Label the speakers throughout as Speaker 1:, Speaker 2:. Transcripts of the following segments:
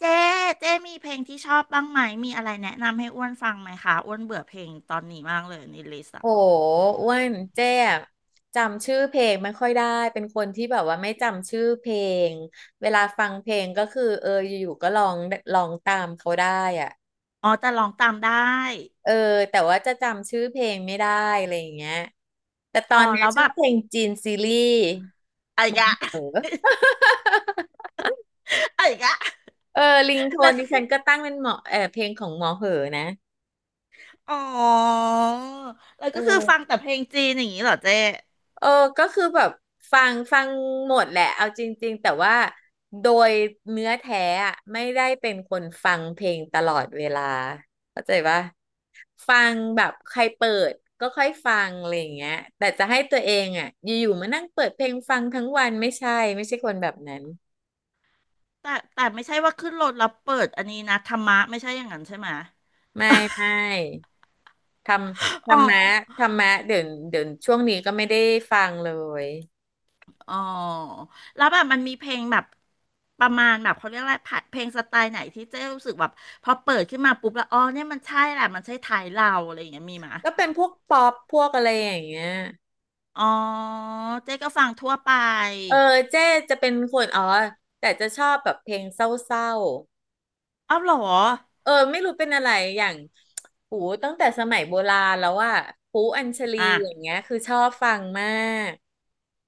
Speaker 1: เจ๊เจ๊มีเพลงที่ชอบบ้างไหมมีอะไรแนะนำให้อ้วนฟังไหมคะอ้วนเบื่อเพลงตอนนี้มากเลยในลิสต์
Speaker 2: โห
Speaker 1: อะ
Speaker 2: อ้วนเจ๊อะจำชื่อเพลงไม่ค่อยได้เป็นคนที่แบบว่าไม่จำชื่อเพลงเวลาฟังเพลงก็คือเอออยู่ๆก็ร้องตามเขาได้อ่ะ
Speaker 1: อ๋อแต่ร้องตามได้
Speaker 2: เออแต่ว่าจะจำชื่อเพลงไม่ได้อะไรอย่างเงี้ยแต่ตอ
Speaker 1: อ๋อ
Speaker 2: นนี้
Speaker 1: แล้ว
Speaker 2: ช
Speaker 1: แบ
Speaker 2: อบ
Speaker 1: บ
Speaker 2: เพลงจีนซีรีส์
Speaker 1: อะไร
Speaker 2: หม
Speaker 1: ก
Speaker 2: อ
Speaker 1: อะ
Speaker 2: เหอ
Speaker 1: อะไรกะ
Speaker 2: เออลิงโท
Speaker 1: แล้
Speaker 2: น
Speaker 1: ว
Speaker 2: ดิ
Speaker 1: คื
Speaker 2: ฉั
Speaker 1: อ
Speaker 2: นก็ตั้งเป็นหมอเออเพลงของหมอเหอนะ
Speaker 1: อ๋อแล้ว
Speaker 2: เอ
Speaker 1: ก็คือฟัง
Speaker 2: อ
Speaker 1: แต่เพลงจีนอย่างนี้เหรอเจ๊
Speaker 2: เออก็คือแบบฟังหมดแหละเอาจริงๆแต่ว่าโดยเนื้อแท้อะไม่ได้เป็นคนฟังเพลงตลอดเวลาเข้าใจปะฟังแบบใครเปิดก็ค่อยฟังอะไรอย่างเงี้ยแต่จะให้ตัวเองอ่ะอยู่ๆมานั่งเปิดเพลงฟังทั้งวันไม่ใช่ไม่ใช่คนแบบนั้น
Speaker 1: แต่ไม่ใช่ว่าขึ้นรถแล้วเปิดอันนี้นะธรรมะไม่ใช่อย่างนั้นใช่ไหม
Speaker 2: ไม่ไม่ ทำธร
Speaker 1: อ๋อ
Speaker 2: รมะธรรมะเดี๋ยวช่วงนี้ก็ไม่ได้ฟังเลย
Speaker 1: อ๋อแล้วแบบมันมีเพลงแบบประมาณแบบเขาเรียกอะไรผัดเพลงสไตล์ไหนที่เจ๊รู้สึกแบบพอเปิดขึ้นมาปุ๊บแล้วอ๋อเนี่ยมันใช่แหละมันใช่ไทยเราอะไรอย่างเงี้ยมีไหม
Speaker 2: ก็เป็นพวกป๊อปพวกอะไรอย่างเงี้ย
Speaker 1: อ๋อเจ๊ก็ฟังทั่วไป
Speaker 2: เออเจ๊จะเป็นคนอ๋อแต่จะชอบแบบเพลงเศร้า
Speaker 1: อ้าวเหรอ
Speaker 2: ๆเออไม่รู้เป็นอะไรอย่างหูตั้งแต่สมัยโบราณแล้วอาปูอัญชลี
Speaker 1: อ่ะ
Speaker 2: อย่างเงี้ยคือชอบฟังมาก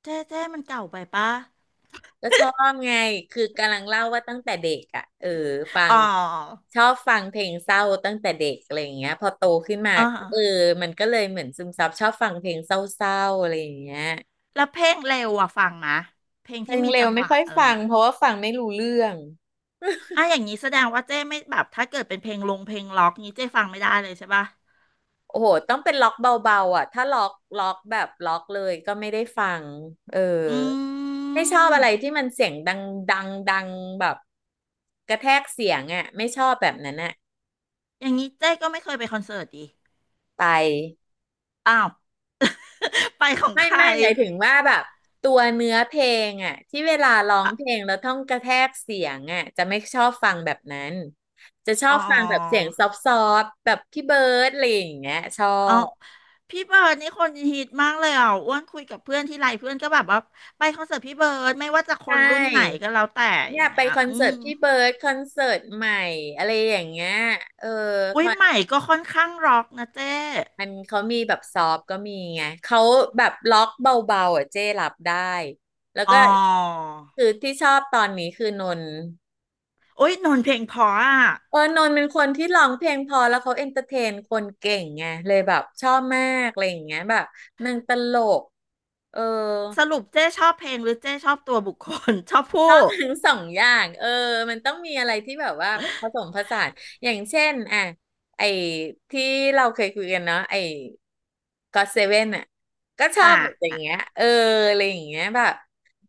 Speaker 1: เจ๊เจ๊มันเก่าไปปะ
Speaker 2: ก็ชอบไงคือกำลังเล่าว่าตั้งแต่เด็กอะเออฟั
Speaker 1: อ๋
Speaker 2: ง
Speaker 1: อ
Speaker 2: ชอบฟังเพลงเศร้าตั้งแต่เด็กอะไรอย่างเงี้ยพอโตขึ้นมา
Speaker 1: อ่า
Speaker 2: ก็เออมันก็เลยเหมือนซึมซับชอบฟังเพลงเศร้าๆอะไรอย่างเงี้ย
Speaker 1: แล้วเพลงเร็วอะฟังไหมเพลง
Speaker 2: เพล
Speaker 1: ที่
Speaker 2: ง
Speaker 1: มี
Speaker 2: เร็
Speaker 1: จั
Speaker 2: ว
Speaker 1: งห
Speaker 2: ไม่
Speaker 1: วะ
Speaker 2: ค่อย
Speaker 1: อะไร
Speaker 2: ฟัง
Speaker 1: เนี่ย
Speaker 2: เพราะว่าฟังไม่รู้เรื่อง
Speaker 1: อ่ะอย่างนี้แสดงว่าเจ๊ไม่แบบถ้าเกิดเป็นเพลงลงเพลงล็อกนี้เจ๊ฟังไม่ได้เลยใช่ปะ
Speaker 2: โอ้โหต้องเป็นล็อกเบาๆอ่ะถ้าล็อกแบบล็อกเลยก็ไม่ได้ฟังเออ
Speaker 1: อื
Speaker 2: ไม่ชอบอะ
Speaker 1: ม
Speaker 2: ไรที่มันเสียงดังดังแบบกระแทกเสียงอ่ะไม่ชอบแบบนั้นอ่ะ
Speaker 1: อย่างนี้เจ๊ก็ไม่เคยไปคอนเสิร์ตดิ
Speaker 2: ไป
Speaker 1: อ้าว ไปของ
Speaker 2: ไม่
Speaker 1: ใคร
Speaker 2: หมายถึงว่าแบบตัวเนื้อเพลงอ่ะที่เวลาร้อง
Speaker 1: อ่ะ
Speaker 2: เพลงแล้วต้องกระแทกเสียงอ่ะจะไม่ชอบฟังแบบนั้น จะชอ
Speaker 1: อ๋
Speaker 2: บ
Speaker 1: อ
Speaker 2: ฟังแบบเสียงซอฟต์ๆแบบพี่เบิร์ดอะไรอย่างเงี้ยชอ
Speaker 1: อ๋อ
Speaker 2: บ
Speaker 1: พี่เบิร์ดนี่คนฮิตมากเลยอ่ะอ้วนคุยกับเพื่อนที่ไรเพื่อนก็แบบว่าไปคอนเสิร์ตพี่เบิร์ดไม่ว่าจะค
Speaker 2: ใช่
Speaker 1: นรุ่นไหนก็แล้วแต่อ
Speaker 2: เนี่
Speaker 1: ย่า
Speaker 2: ย
Speaker 1: ง
Speaker 2: ไป
Speaker 1: เงี้ย
Speaker 2: คอน
Speaker 1: อื
Speaker 2: เสิร์
Speaker 1: ม
Speaker 2: ตพี่เบิร์ดคอนเสิร์ตใหม่อะไรอย่างเงี้ยเออค
Speaker 1: อุ้ย
Speaker 2: อน
Speaker 1: ใหม่ก็ค่อนข้างร็อกนะเจ๊
Speaker 2: มันเขามีแบบซอฟต์ก็มีไงเขาแบบล็อกเบาๆอ่ะเจ้รับได้แล้ว
Speaker 1: อ๋อ
Speaker 2: ก็คือที่ชอบตอนนี้คือนนท์
Speaker 1: อุ้ยนนท์เพลงเพออ่ะ
Speaker 2: เออนนท์เป็นคนที่ร้องเพลงพอแล้วเขาเอนเตอร์เทนคนเก่งไงเลยแบบชอบมากอะไรอย่างเงี้ยแบบนางตลกเออ
Speaker 1: สรุปเจ๊ชอบเพลงหรือเจ๊ชอบตัวบุคคล ชอบ
Speaker 2: ช
Speaker 1: ผู้
Speaker 2: อบทั้งสองอย่างเออมันต้องมีอะไรที่แบบว่าผสมผสานอย่างเช่นอ่ะไอ้ที่เราเคยคุยกันเนาะไอ้ก็เซเว่นอ่ะก็ชอ
Speaker 1: อ่ะ
Speaker 2: บแบบอย่า
Speaker 1: อ่ะ
Speaker 2: งเงี้ยเอออะไรอย่างเงี้ยแบบ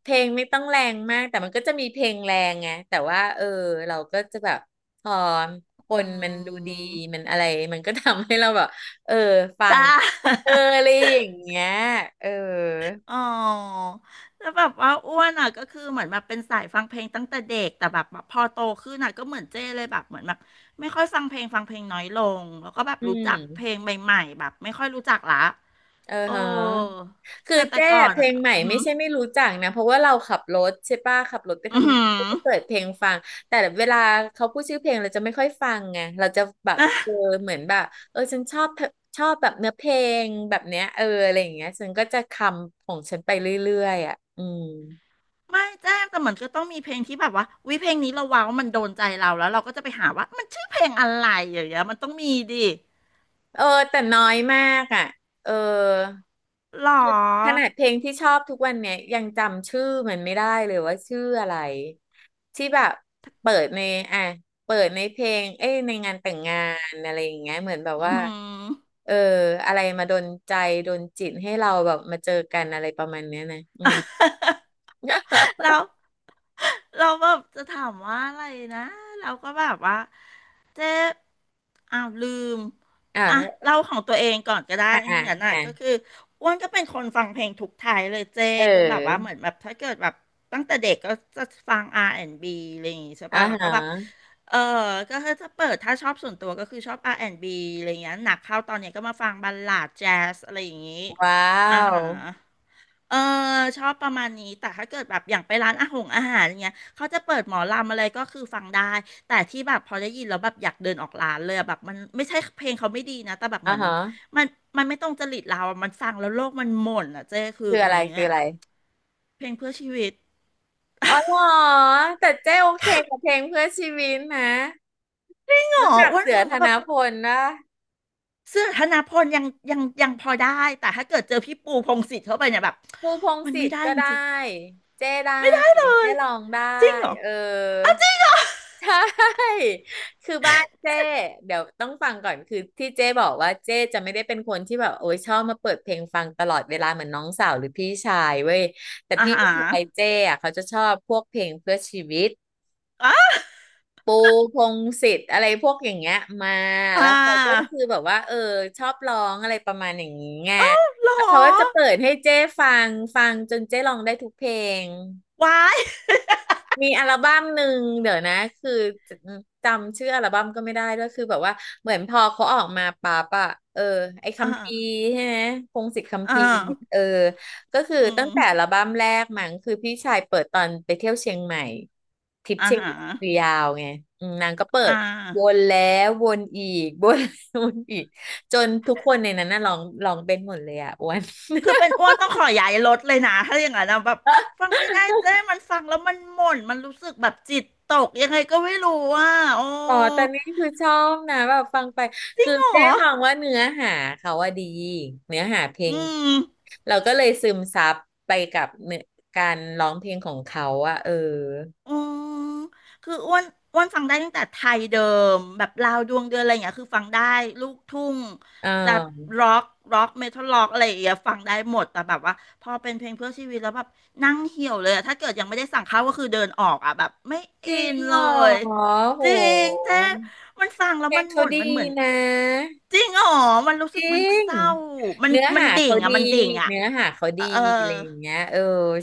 Speaker 2: เพลงไม่ต้องแรงมากแต่มันก็จะมีเพลงแรงไงแต่ว่าเออเราก็จะแบบพอค
Speaker 1: อื
Speaker 2: นมันดูดีมั
Speaker 1: ม
Speaker 2: นอะไรมันก็ทำให้เราแบบเออฟัง
Speaker 1: จ้า
Speaker 2: เอออะไรอย่างเงี้ยเออ
Speaker 1: อ๋อแล้วแบบว่าอ้วนอ่ะก็คือเหมือนแบบเป็นสายฟังเพลงตั้งแต่เด็กแต่แบบพอโตขึ้นอ่ะก็เหมือนเจ้เลยแบบเหมือนแบบไม่ค่อยฟังเพลงฟังเพลงน้อยลงแล้วก็แบบ
Speaker 2: อื
Speaker 1: รู้จักเพล
Speaker 2: ม
Speaker 1: งใหม่ๆแบบไม่ค่อยรู้จักละ
Speaker 2: เออ
Speaker 1: เอ
Speaker 2: ฮะ
Speaker 1: อ
Speaker 2: คือ
Speaker 1: แต่
Speaker 2: แจ้
Speaker 1: ก่อน
Speaker 2: เพล
Speaker 1: อ่ะ
Speaker 2: งใหม่
Speaker 1: หื
Speaker 2: ไม่
Speaker 1: ม
Speaker 2: ใช่ไม่รู้จักนะเพราะว่าเราขับรถใช่ป่ะขับรถไป
Speaker 1: ออ
Speaker 2: ทำงา
Speaker 1: หื
Speaker 2: น
Speaker 1: อ
Speaker 2: ก็จะเปิดเพลงฟังแต่เวลาเขาพูดชื่อเพลงเราจะไม่ค่อยฟังไงเราจะแบบ
Speaker 1: อ่ะ
Speaker 2: เออเหมือนแบบเออฉันชอบแบบเนื้อเพลงแบบเนี้ยเอออะไรอย่างเงี้ยฉันก็จะคำของฉันไปเรื่อยๆอ่ะอืม
Speaker 1: ไม่แจ้แต่เหมือนก็ต้องมีเพลงที่แบบว่าวิเพลงนี้เราว้าวมันโดนใจเราแล้วเราก็จะไปหาว่ามันชื่อเพลงอะไรอย่างเงี้ยมันต้องมีดิ
Speaker 2: เออแต่น้อยมากอ่ะเออ
Speaker 1: หรอ
Speaker 2: ขนาดเพลงที่ชอบทุกวันเนี่ยยังจำชื่อมันไม่ได้เลยว่าชื่ออะไรที่แบบเปิดในอ่ะเปิดในเพลงเอ้ยในงานแต่งงานอะไรอย่างเงี้ยเหมือนแบบ
Speaker 1: อื
Speaker 2: ว่า
Speaker 1: อ
Speaker 2: เอออะไรมาดนใจดนจิตให้เราแบบมาเจอกันอะไรประมาณเนี้ยนะอืม
Speaker 1: แล้ว เราแบบจะถามว่าอะไรนะเราก็แบบว่าเจ๊อ้าวลืมอ่ะ
Speaker 2: อ่า
Speaker 1: เล่าของตัวเองก่อนก็ได้
Speaker 2: อ่าอ่า
Speaker 1: ทั้งนั้นน่ะ
Speaker 2: อ่า
Speaker 1: ก็คืออ้วนก็เป็นคนฟังเพลงทุกไทยเลยเจ๊
Speaker 2: เ
Speaker 1: ก็แบบว่าเหมื
Speaker 2: ออ
Speaker 1: อนแบบถ้าเกิดแบบตั้งแต่เด็กก็จะฟัง R&B อนด์บีอะไรอย่างงี้ใช่
Speaker 2: อ่า
Speaker 1: ป่ะแล้ว
Speaker 2: ฮ
Speaker 1: ก็แบบ
Speaker 2: ะ
Speaker 1: เออก็คือจะเปิดถ้าชอบส่วนตัวก็คือชอบ R&B อนด์บีอะไรอย่างเงี้ยหนักเข้าตอนเนี้ยก็มาฟังบัลลาดแจ๊สอะไรอย่างงี้
Speaker 2: ว้า
Speaker 1: อ่า
Speaker 2: ว
Speaker 1: ฮะ เออชอบประมาณนี้แต่ถ้าเกิดแบบอย่างไปร้านอาหงอาหารอย่างเงี้ยเขาจะเปิดหมอลำอะไรก็คือฟังได้แต่ที่แบบพอได้ยินแล้วแบบอยากเดินออกร้านเลยอะแบบมันไม่ใช่เพลงเขาไม่ดีนะแต่แบบเห
Speaker 2: อ่า
Speaker 1: มือน
Speaker 2: ฮะ
Speaker 1: มันมันไม่ตรงจริตเราอะมันฟังแล้วโลกมันหม่นอ่ะเจ้คือ
Speaker 2: คือ
Speaker 1: อั
Speaker 2: อะ
Speaker 1: น
Speaker 2: ไร
Speaker 1: นี้
Speaker 2: คือ
Speaker 1: อะ
Speaker 2: อะไร
Speaker 1: เพลงเพื่อชีวิต
Speaker 2: อ๋อเหรอแต่เจ๊โอเคกับเพลงเพื่อชีวิตนะ
Speaker 1: หรอ
Speaker 2: รู้จัก
Speaker 1: อ้วน
Speaker 2: เสือ
Speaker 1: ฟัง
Speaker 2: ธ
Speaker 1: แล้วแบ
Speaker 2: น
Speaker 1: บ
Speaker 2: พลนะ
Speaker 1: เสื้อธนพลยังยังยังพอได้แต่ถ้าเกิดเจอพี่ปูพงษ์สิทธิ์เข้าไปเนี่ยแบบ
Speaker 2: ปูพงษ์
Speaker 1: มัน
Speaker 2: สิ
Speaker 1: ไม่
Speaker 2: ท
Speaker 1: ได้
Speaker 2: ธิ์ก็
Speaker 1: จ
Speaker 2: ได้
Speaker 1: ริง
Speaker 2: เจ้ได้
Speaker 1: ๆไม่ได้เล
Speaker 2: เจ้
Speaker 1: ย
Speaker 2: ลองได้
Speaker 1: จริงเหรอ
Speaker 2: เออใช่ คือบ้านเจ้เดี๋ยวต้องฟังก่อนคือที่เจ้บอกว่าเจ้จะไม่ได้เป็นคนที่แบบโอ้ยชอบมาเปิดเพลงฟังตลอดเวลาเหมือนน้องสาวหรือพี่ชายเว้ยแต่
Speaker 1: อา
Speaker 2: พี่
Speaker 1: หาร
Speaker 2: ชายเจ้อะเขาจะชอบพวกเพลงเพื่อชีวิต
Speaker 1: อ่า
Speaker 2: ปูพงษ์สิทธิ์อะไรพวกอย่างเงี้ยมา
Speaker 1: อ่
Speaker 2: แล้วเขาก็
Speaker 1: า
Speaker 2: คือแบบว่าเออชอบร้องอะไรประมาณอย่างนี้ไง
Speaker 1: เอ้าเหร
Speaker 2: แล้
Speaker 1: อ
Speaker 2: วเขาก็จะเปิดให้เจ้ฟังจนเจ้ร้องได้ทุกเพลง
Speaker 1: วาย
Speaker 2: มีอัลบั้มหนึ่งเดี๋ยวนะคือจะจำชื่ออัลบั้มก็ไม่ได้ด้วยคือแบบว่าเหมือนพอเขาออกมาปั๊บอะเออไอ้
Speaker 1: อ
Speaker 2: คัมภีร์
Speaker 1: ่า
Speaker 2: ใช่ไหมพงศิษฐ์คัม
Speaker 1: อ่า
Speaker 2: ภีร์เเออก็คือ
Speaker 1: อื
Speaker 2: ตั้
Speaker 1: ม
Speaker 2: งแต่อัลบั้มแรกมั้งคือพี่ชายเปิดตอนไปเที่ยวเชียงใหม่ทริป
Speaker 1: อ่า
Speaker 2: เชียง
Speaker 1: ฮะ
Speaker 2: ใหม่คือยาวไงอืมนางก็เปิ
Speaker 1: อ่า
Speaker 2: ดวนแล้ววนอีก วนแล้ววนอีกจนทุกคนในนั้นน่ะร้องเป็นหมดเลยอะ อ้วน
Speaker 1: คือเป็นอ้วนต้องขอย้ายรถเลยนะ ถ้าอย่างนั้นนะแบบฟังไม่ได้เจ้มันฟังแล้วมันหม่นมันรู้สึกแบบจิตตกยังไงก็ไม่รู้อ่ะโอ้
Speaker 2: อ๋อแต่นี่คือชอบนะแบบฟังไป
Speaker 1: จริ
Speaker 2: คื
Speaker 1: ง
Speaker 2: อ
Speaker 1: เหรอ
Speaker 2: เจ๊มองว่าเนื้อหาเขาว่าดีเนื้อหาเพล
Speaker 1: อื
Speaker 2: ง
Speaker 1: ม
Speaker 2: เราก็เลยซึมซับไปกับเนื้อการร้องเพลงของเขาอะเออ
Speaker 1: อืม คืออ้วนอ้วนฟังได้ตั้งแต่ไทยเดิมแบบลาวดวงเดือนอะไรอย่างเงี้ยคือฟังได้ลูกทุ่ง
Speaker 2: เ
Speaker 1: จะ
Speaker 2: ออ
Speaker 1: ร็อกร็อกเมทัลร็อกอะไรอย่างเงี้ยฟังได้หมดแต่แบบว่าพอเป็นเพลงเพื่อชีวิตแล้วแบบนั่งเหี่ยวเลยอะถ้าเกิดยังไม่ได้สั่งข้าวก็คือเดินออกอ่ะแบบไม่
Speaker 2: จ
Speaker 1: อิ
Speaker 2: ริง
Speaker 1: น
Speaker 2: เห
Speaker 1: เล
Speaker 2: รอ
Speaker 1: ย
Speaker 2: โห
Speaker 1: จริงเจ๊มันฟังแล้
Speaker 2: เพ
Speaker 1: ว
Speaker 2: ล
Speaker 1: มั
Speaker 2: ง
Speaker 1: นห
Speaker 2: เขา
Speaker 1: ม่น
Speaker 2: ดี
Speaker 1: มันเหมือน
Speaker 2: นะ
Speaker 1: จริงอ๋อมันรู้
Speaker 2: จ
Speaker 1: สึก
Speaker 2: ริ
Speaker 1: มัน
Speaker 2: ง
Speaker 1: เศร้ามัน
Speaker 2: เนื้อ
Speaker 1: มัน
Speaker 2: หา
Speaker 1: ดิ่
Speaker 2: เขา
Speaker 1: งอะ
Speaker 2: ดี
Speaker 1: มันดิ่งอะ
Speaker 2: เนื้อหาเขาดี
Speaker 1: เออ
Speaker 2: อะไรอย่างเงี้ยเออ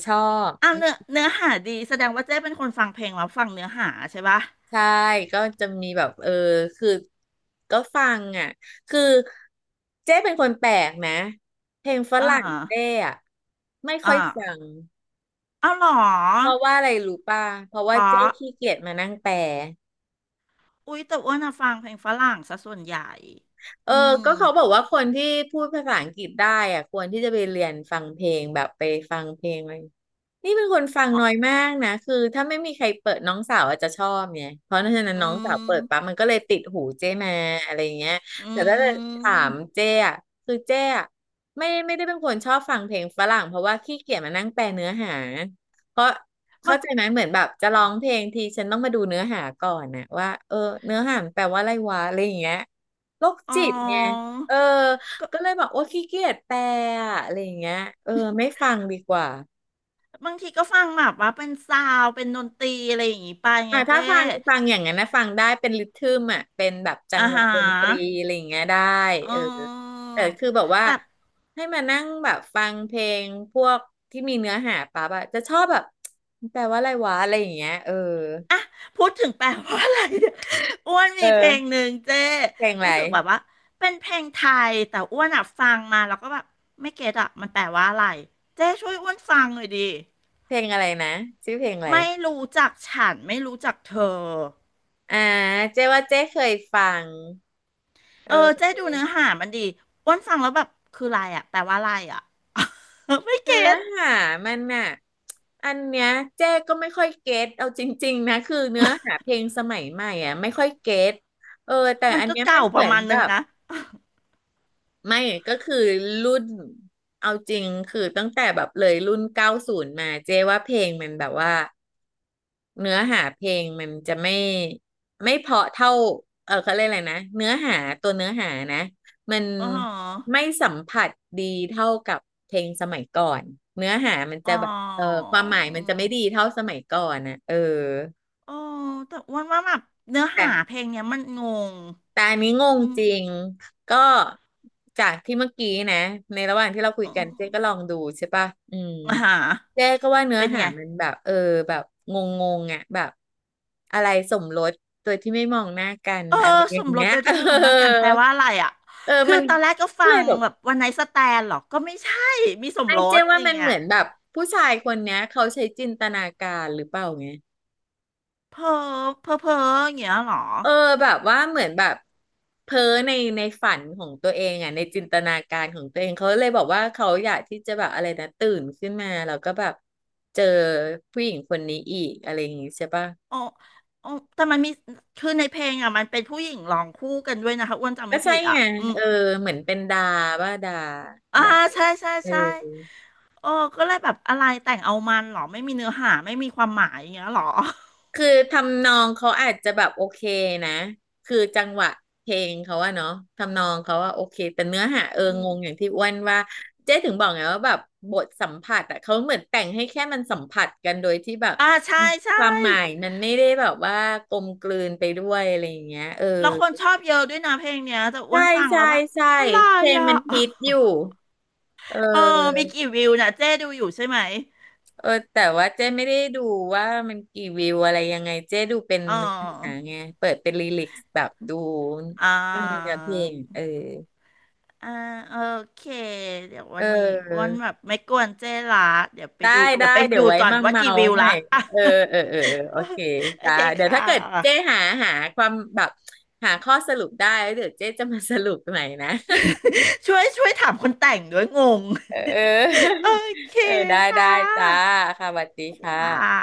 Speaker 2: ชอบ
Speaker 1: เอาเนื้อหาดีแสดงว่าเจ๊เป็นคนฟังเพลงแล้วฟังเนื้อหาใช่ปะ
Speaker 2: ใช่ ก็จะมีแบบ เออ คือ ก็ฟังอ่ะ คือเจ๊เป็นคนแปลกนะ เพลงฝ
Speaker 1: อ่า
Speaker 2: รั่ง
Speaker 1: ฮะ
Speaker 2: เจ๊อ่ะ ไม่ค่
Speaker 1: อ่า
Speaker 2: อยฟัง
Speaker 1: เอาเหรอ
Speaker 2: เพราะว่าอะไรรู้ป่ะ เพราะ
Speaker 1: เพ
Speaker 2: ว่าเจ๊
Speaker 1: ราะ
Speaker 2: ขี้เกียจมานั่งแปล
Speaker 1: อุ๊ยแต่อ้วนอะฟังเพลงฝรั่งซะส่วนใหญ่
Speaker 2: เออ
Speaker 1: อืม
Speaker 2: ก็เขาบอกว่าคนที่พูดภาษาอังกฤษได้อะควรที่จะไปเรียนฟังเพลงแบบไปฟังเพลงอะไรนี่เป็นคนฟัง
Speaker 1: อ๋อ
Speaker 2: น้อยมากนะคือถ้าไม่มีใครเปิดน้องสาวอาจจะชอบไงเพราะฉะนั้น
Speaker 1: อื
Speaker 2: น้องสาวเปิดปั๊บ
Speaker 1: ม
Speaker 2: มันก็เลยติดหูเจ้มาอะไรเงี้ย
Speaker 1: อื
Speaker 2: แต่ถ้าจะถา
Speaker 1: ม
Speaker 2: มเจ้อะคือเจ้อะไม่ได้เป็นคนชอบฟังเพลงฝรั่งเพราะว่าขี้เกียจมานั่งแปลเนื้อหาเพราะ
Speaker 1: มั
Speaker 2: เข้า
Speaker 1: น
Speaker 2: ใจไหมเหมือนแบบจะร้องเพลงทีฉันต้องมาดูเนื้อหาก่อนนะว่าเออเนื้อหามันแปลว่าอะไรวะอะไรอย่างเงี้ย โรค
Speaker 1: อ๋อ
Speaker 2: จิตไงเออ
Speaker 1: ก็
Speaker 2: ก็เลยบอกว่าขี้เกียจแปลอะอะไรอย่างเงี้ยเออไม่ฟังดีกว่า
Speaker 1: บางทีก็ฟังแบบว่าเป็นซาวด์เป็นดนตรีอะไรอย่างงี้ไปไง
Speaker 2: อ่ะ
Speaker 1: เจ๊
Speaker 2: ถ้าฟังอย่างนั้นนะฟังได้เป็นริทึมอ่ะเป็นแบบจั
Speaker 1: อ่า
Speaker 2: งห
Speaker 1: ฮ
Speaker 2: วะดนตรี
Speaker 1: ะ
Speaker 2: อะไรอย่างเงี้ยได้
Speaker 1: เ
Speaker 2: เออ
Speaker 1: ออ
Speaker 2: แต่คือแบบว่า
Speaker 1: แต่
Speaker 2: ให้มานั่งแบบฟังเพลงพวกที่มีเนื้อหาปั๊บอะจะชอบแบบ แปลว่าอะไรวะอะไรอย่างเงี้ยเออ
Speaker 1: พูดถึงแปลว่าอะไรเนี่ย อ้วน
Speaker 2: เออ
Speaker 1: มีเพลงหนึ่งเจ้
Speaker 2: เพลงอะไร
Speaker 1: รู้สึกแบบว่าเป็นเพลงไทยแต่อ้วนอะฟังมาแล้วก็แบบไม่เก็ตอะมันแปลว่าอะไรเจ้ช่วยอ้วนฟังหน่อยดิ
Speaker 2: เพลงอะไรนะชื่อเพลงอะไร
Speaker 1: ไม่รู้จักฉันไม่รู้จักเธอ
Speaker 2: อ่าเจ๊ว่าเจ๊เคยฟัง
Speaker 1: เออเจ้
Speaker 2: เออ
Speaker 1: ดูเนื้อหามันดีอ้วนฟังแล้วแบบคืออะไรอะแปลว่าอะไรอะ ไม่
Speaker 2: เนื้
Speaker 1: เก็
Speaker 2: อ
Speaker 1: ต
Speaker 2: หามันน่ะอันเนี้ยเจ๊ก็ไม่ค่อยเก็ตเอาจริงๆนะคือเนื้อหาเพลงสมัยใหม่อ่ะไม่ค่อยเก็ตเออแต่
Speaker 1: มัน
Speaker 2: อัน
Speaker 1: ก็
Speaker 2: เนี้ยมั
Speaker 1: เก่า
Speaker 2: นเห
Speaker 1: ป
Speaker 2: มื
Speaker 1: ระ
Speaker 2: อน
Speaker 1: มาณ
Speaker 2: แบ
Speaker 1: นึง
Speaker 2: บ
Speaker 1: นะ
Speaker 2: ไม่ก็คือรุ่นเอาจริงคือตั้งแต่แบบเลยรุ่น90มาเจ๊ว่าเพลงมันแบบว่า เนื้อหาเพลงมันจะไม่เพราะเท่าเออเขาเรียกอะไรนะเนื้อหาตัวเนื้อหานะมัน
Speaker 1: อ๋อ
Speaker 2: ไม่สัมผัสดีเท่ากับเพลงสมัยก่อนเนื้อหามัน
Speaker 1: อ๋
Speaker 2: จะ
Speaker 1: อ
Speaker 2: แบบเออความหมายมันจะไม่ดีเท่าสมัยก่อนนะเออ
Speaker 1: อ๋อแต่อ้วนว่าแบบเนื้อ
Speaker 2: แต่
Speaker 1: หาเพลงเนี้ยมันงง
Speaker 2: แต่อันนี้งง
Speaker 1: อื
Speaker 2: จริง
Speaker 1: ม
Speaker 2: ก็จากที่เมื่อกี้นะในระหว่างที่เราคุย
Speaker 1: อื
Speaker 2: กัน
Speaker 1: ม
Speaker 2: เจ๊ก็ลองดูใช่ปะอืม
Speaker 1: อ่าฮะ
Speaker 2: เจ๊ก็ว่าเนื้อ
Speaker 1: เป็น
Speaker 2: หา
Speaker 1: ไง
Speaker 2: มันแบบเออแบบงงงอ่ะแบบอะไรสมรสโดยที่ไม่มองหน้ากัน
Speaker 1: เออ
Speaker 2: อะไรอ
Speaker 1: ส
Speaker 2: ย่า
Speaker 1: ม
Speaker 2: ง
Speaker 1: รส
Speaker 2: เงี้ย
Speaker 1: โดย
Speaker 2: เออ
Speaker 1: ที่ไม่มองหน้ากันแปลว่าอะไรอ่ะ
Speaker 2: เออ
Speaker 1: คือ
Speaker 2: มัน
Speaker 1: ตอนแรกก็
Speaker 2: ก็
Speaker 1: ฟั
Speaker 2: เลย
Speaker 1: ง
Speaker 2: แบบ
Speaker 1: แบบวันไนท์สแตนหรอก็ไม่ใช่มีสม
Speaker 2: ไอ้
Speaker 1: ร
Speaker 2: เจ๊
Speaker 1: สอ
Speaker 2: ว่า
Speaker 1: ย่าง
Speaker 2: มัน
Speaker 1: เงี้
Speaker 2: เห
Speaker 1: ย
Speaker 2: มือนแบบผู้ชายคนเนี้ยเขาใช้จินตนาการหรือเปล่าไง
Speaker 1: เพ้อเพ้ออย่างเงี้ยหรอ
Speaker 2: เออแบบว่าเหมือนแบบเพ้อในในฝันของตัวเองอ่ะในจินตนาการของตัวเองเขาเลยบอกว่าเขาอยากที่จะแบบอะไรนะตื่นขึ้นมาแล้วก็แบบเจอผู้หญิงคนนี้อีกอะไรอย่างงี้ใช่ปะ
Speaker 1: อ๋ออ๋อแต่มันมีคือในเพลงอ่ะมันเป็นผู้หญิงร้องคู่กันด้วยนะคะอ้วนจำ
Speaker 2: ก็
Speaker 1: ไม่
Speaker 2: ใช่
Speaker 1: ผิดอ่ะ
Speaker 2: ไง
Speaker 1: อืม
Speaker 2: เออเหมือนเป็นดาว่าดา
Speaker 1: อ่า
Speaker 2: ดา
Speaker 1: ใช่ ใช่
Speaker 2: เอ
Speaker 1: ใช่
Speaker 2: อ
Speaker 1: โอ้ก็เลยแบบอะไรแต่งเอามันหรอไม่มีเนื้อหา ไม่มีความหมายอย่างเงี้ยหรอ
Speaker 2: คือทำนองเขาอาจจะแบบโอเคนะคือจังหวะเพลงเขาว่าเนาะทำนองเขาว่าโอเคแต่เนื้อหาเออ
Speaker 1: อืม
Speaker 2: งงอย่างที่อ้วนว่าเจ๊ถึงบอกไงว่าแบบบทสัมผัสอะเขาเหมือนแต่งให้แค่มันสัมผัสกันโดยที่แบบ
Speaker 1: อ่าใช่ ใช่
Speaker 2: ความหมายมันไม่ได้แบบว่ากลมกลืนไปด้วยอะไรอย่างเงี้ยเออ
Speaker 1: แล้วคนชอบเยอะด้วยนะเพลงเนี้ยแต่อ้วน
Speaker 2: ใช่
Speaker 1: ฟังแล้ว
Speaker 2: ใช่
Speaker 1: แบบ
Speaker 2: ใช่
Speaker 1: อะไร
Speaker 2: เพลง
Speaker 1: อ่ะ
Speaker 2: มันฮิตอยู่เ
Speaker 1: เออมี
Speaker 2: ออ
Speaker 1: กี่วิวนะเจ๊ดูอยู่ใช่ไหม
Speaker 2: เออแต่ว่าเจ๊ไม่ได้ดูว่ามันกี่วิวอะไรยังไงเจ๊ดูเป็น
Speaker 1: เ
Speaker 2: เนื้อหา
Speaker 1: ออ
Speaker 2: ไงเปิดเป็นลิลิกแบบดู
Speaker 1: อ่า
Speaker 2: เนื้อเพลงเออ
Speaker 1: อ่าโอเคเดี๋ยว
Speaker 2: เ
Speaker 1: วันนี้วัน
Speaker 2: ออ
Speaker 1: แบบไม่กวนเจ๊ละเดี๋ยวไป
Speaker 2: ได้
Speaker 1: ดูเดี๋
Speaker 2: ได้
Speaker 1: ยวไป
Speaker 2: เดี๋
Speaker 1: ดู
Speaker 2: ยวไว้
Speaker 1: ก่อน
Speaker 2: มา
Speaker 1: ว่า
Speaker 2: เมา
Speaker 1: กี่วิว
Speaker 2: ให
Speaker 1: ละ
Speaker 2: ม่
Speaker 1: อ่ะ
Speaker 2: เออเออเออเออโอเค
Speaker 1: โอ
Speaker 2: จ้า
Speaker 1: เค
Speaker 2: เดี๋ยว
Speaker 1: ค่
Speaker 2: ถ้าเกิดเจ๊
Speaker 1: ะ
Speaker 2: หาหาความแบบหาข้อสรุปได้แล้วเดี๋ยวเจ๊จะมาสรุปใหม่นะ
Speaker 1: ช่วยถามคนแต่งด้วยงง
Speaker 2: เออ
Speaker 1: โอเค
Speaker 2: เออได้
Speaker 1: ค่
Speaker 2: ได้จ้า
Speaker 1: ะ
Speaker 2: ค่ะสวัสดี
Speaker 1: สวัส
Speaker 2: ค
Speaker 1: ดีค่ะ
Speaker 2: ่ะ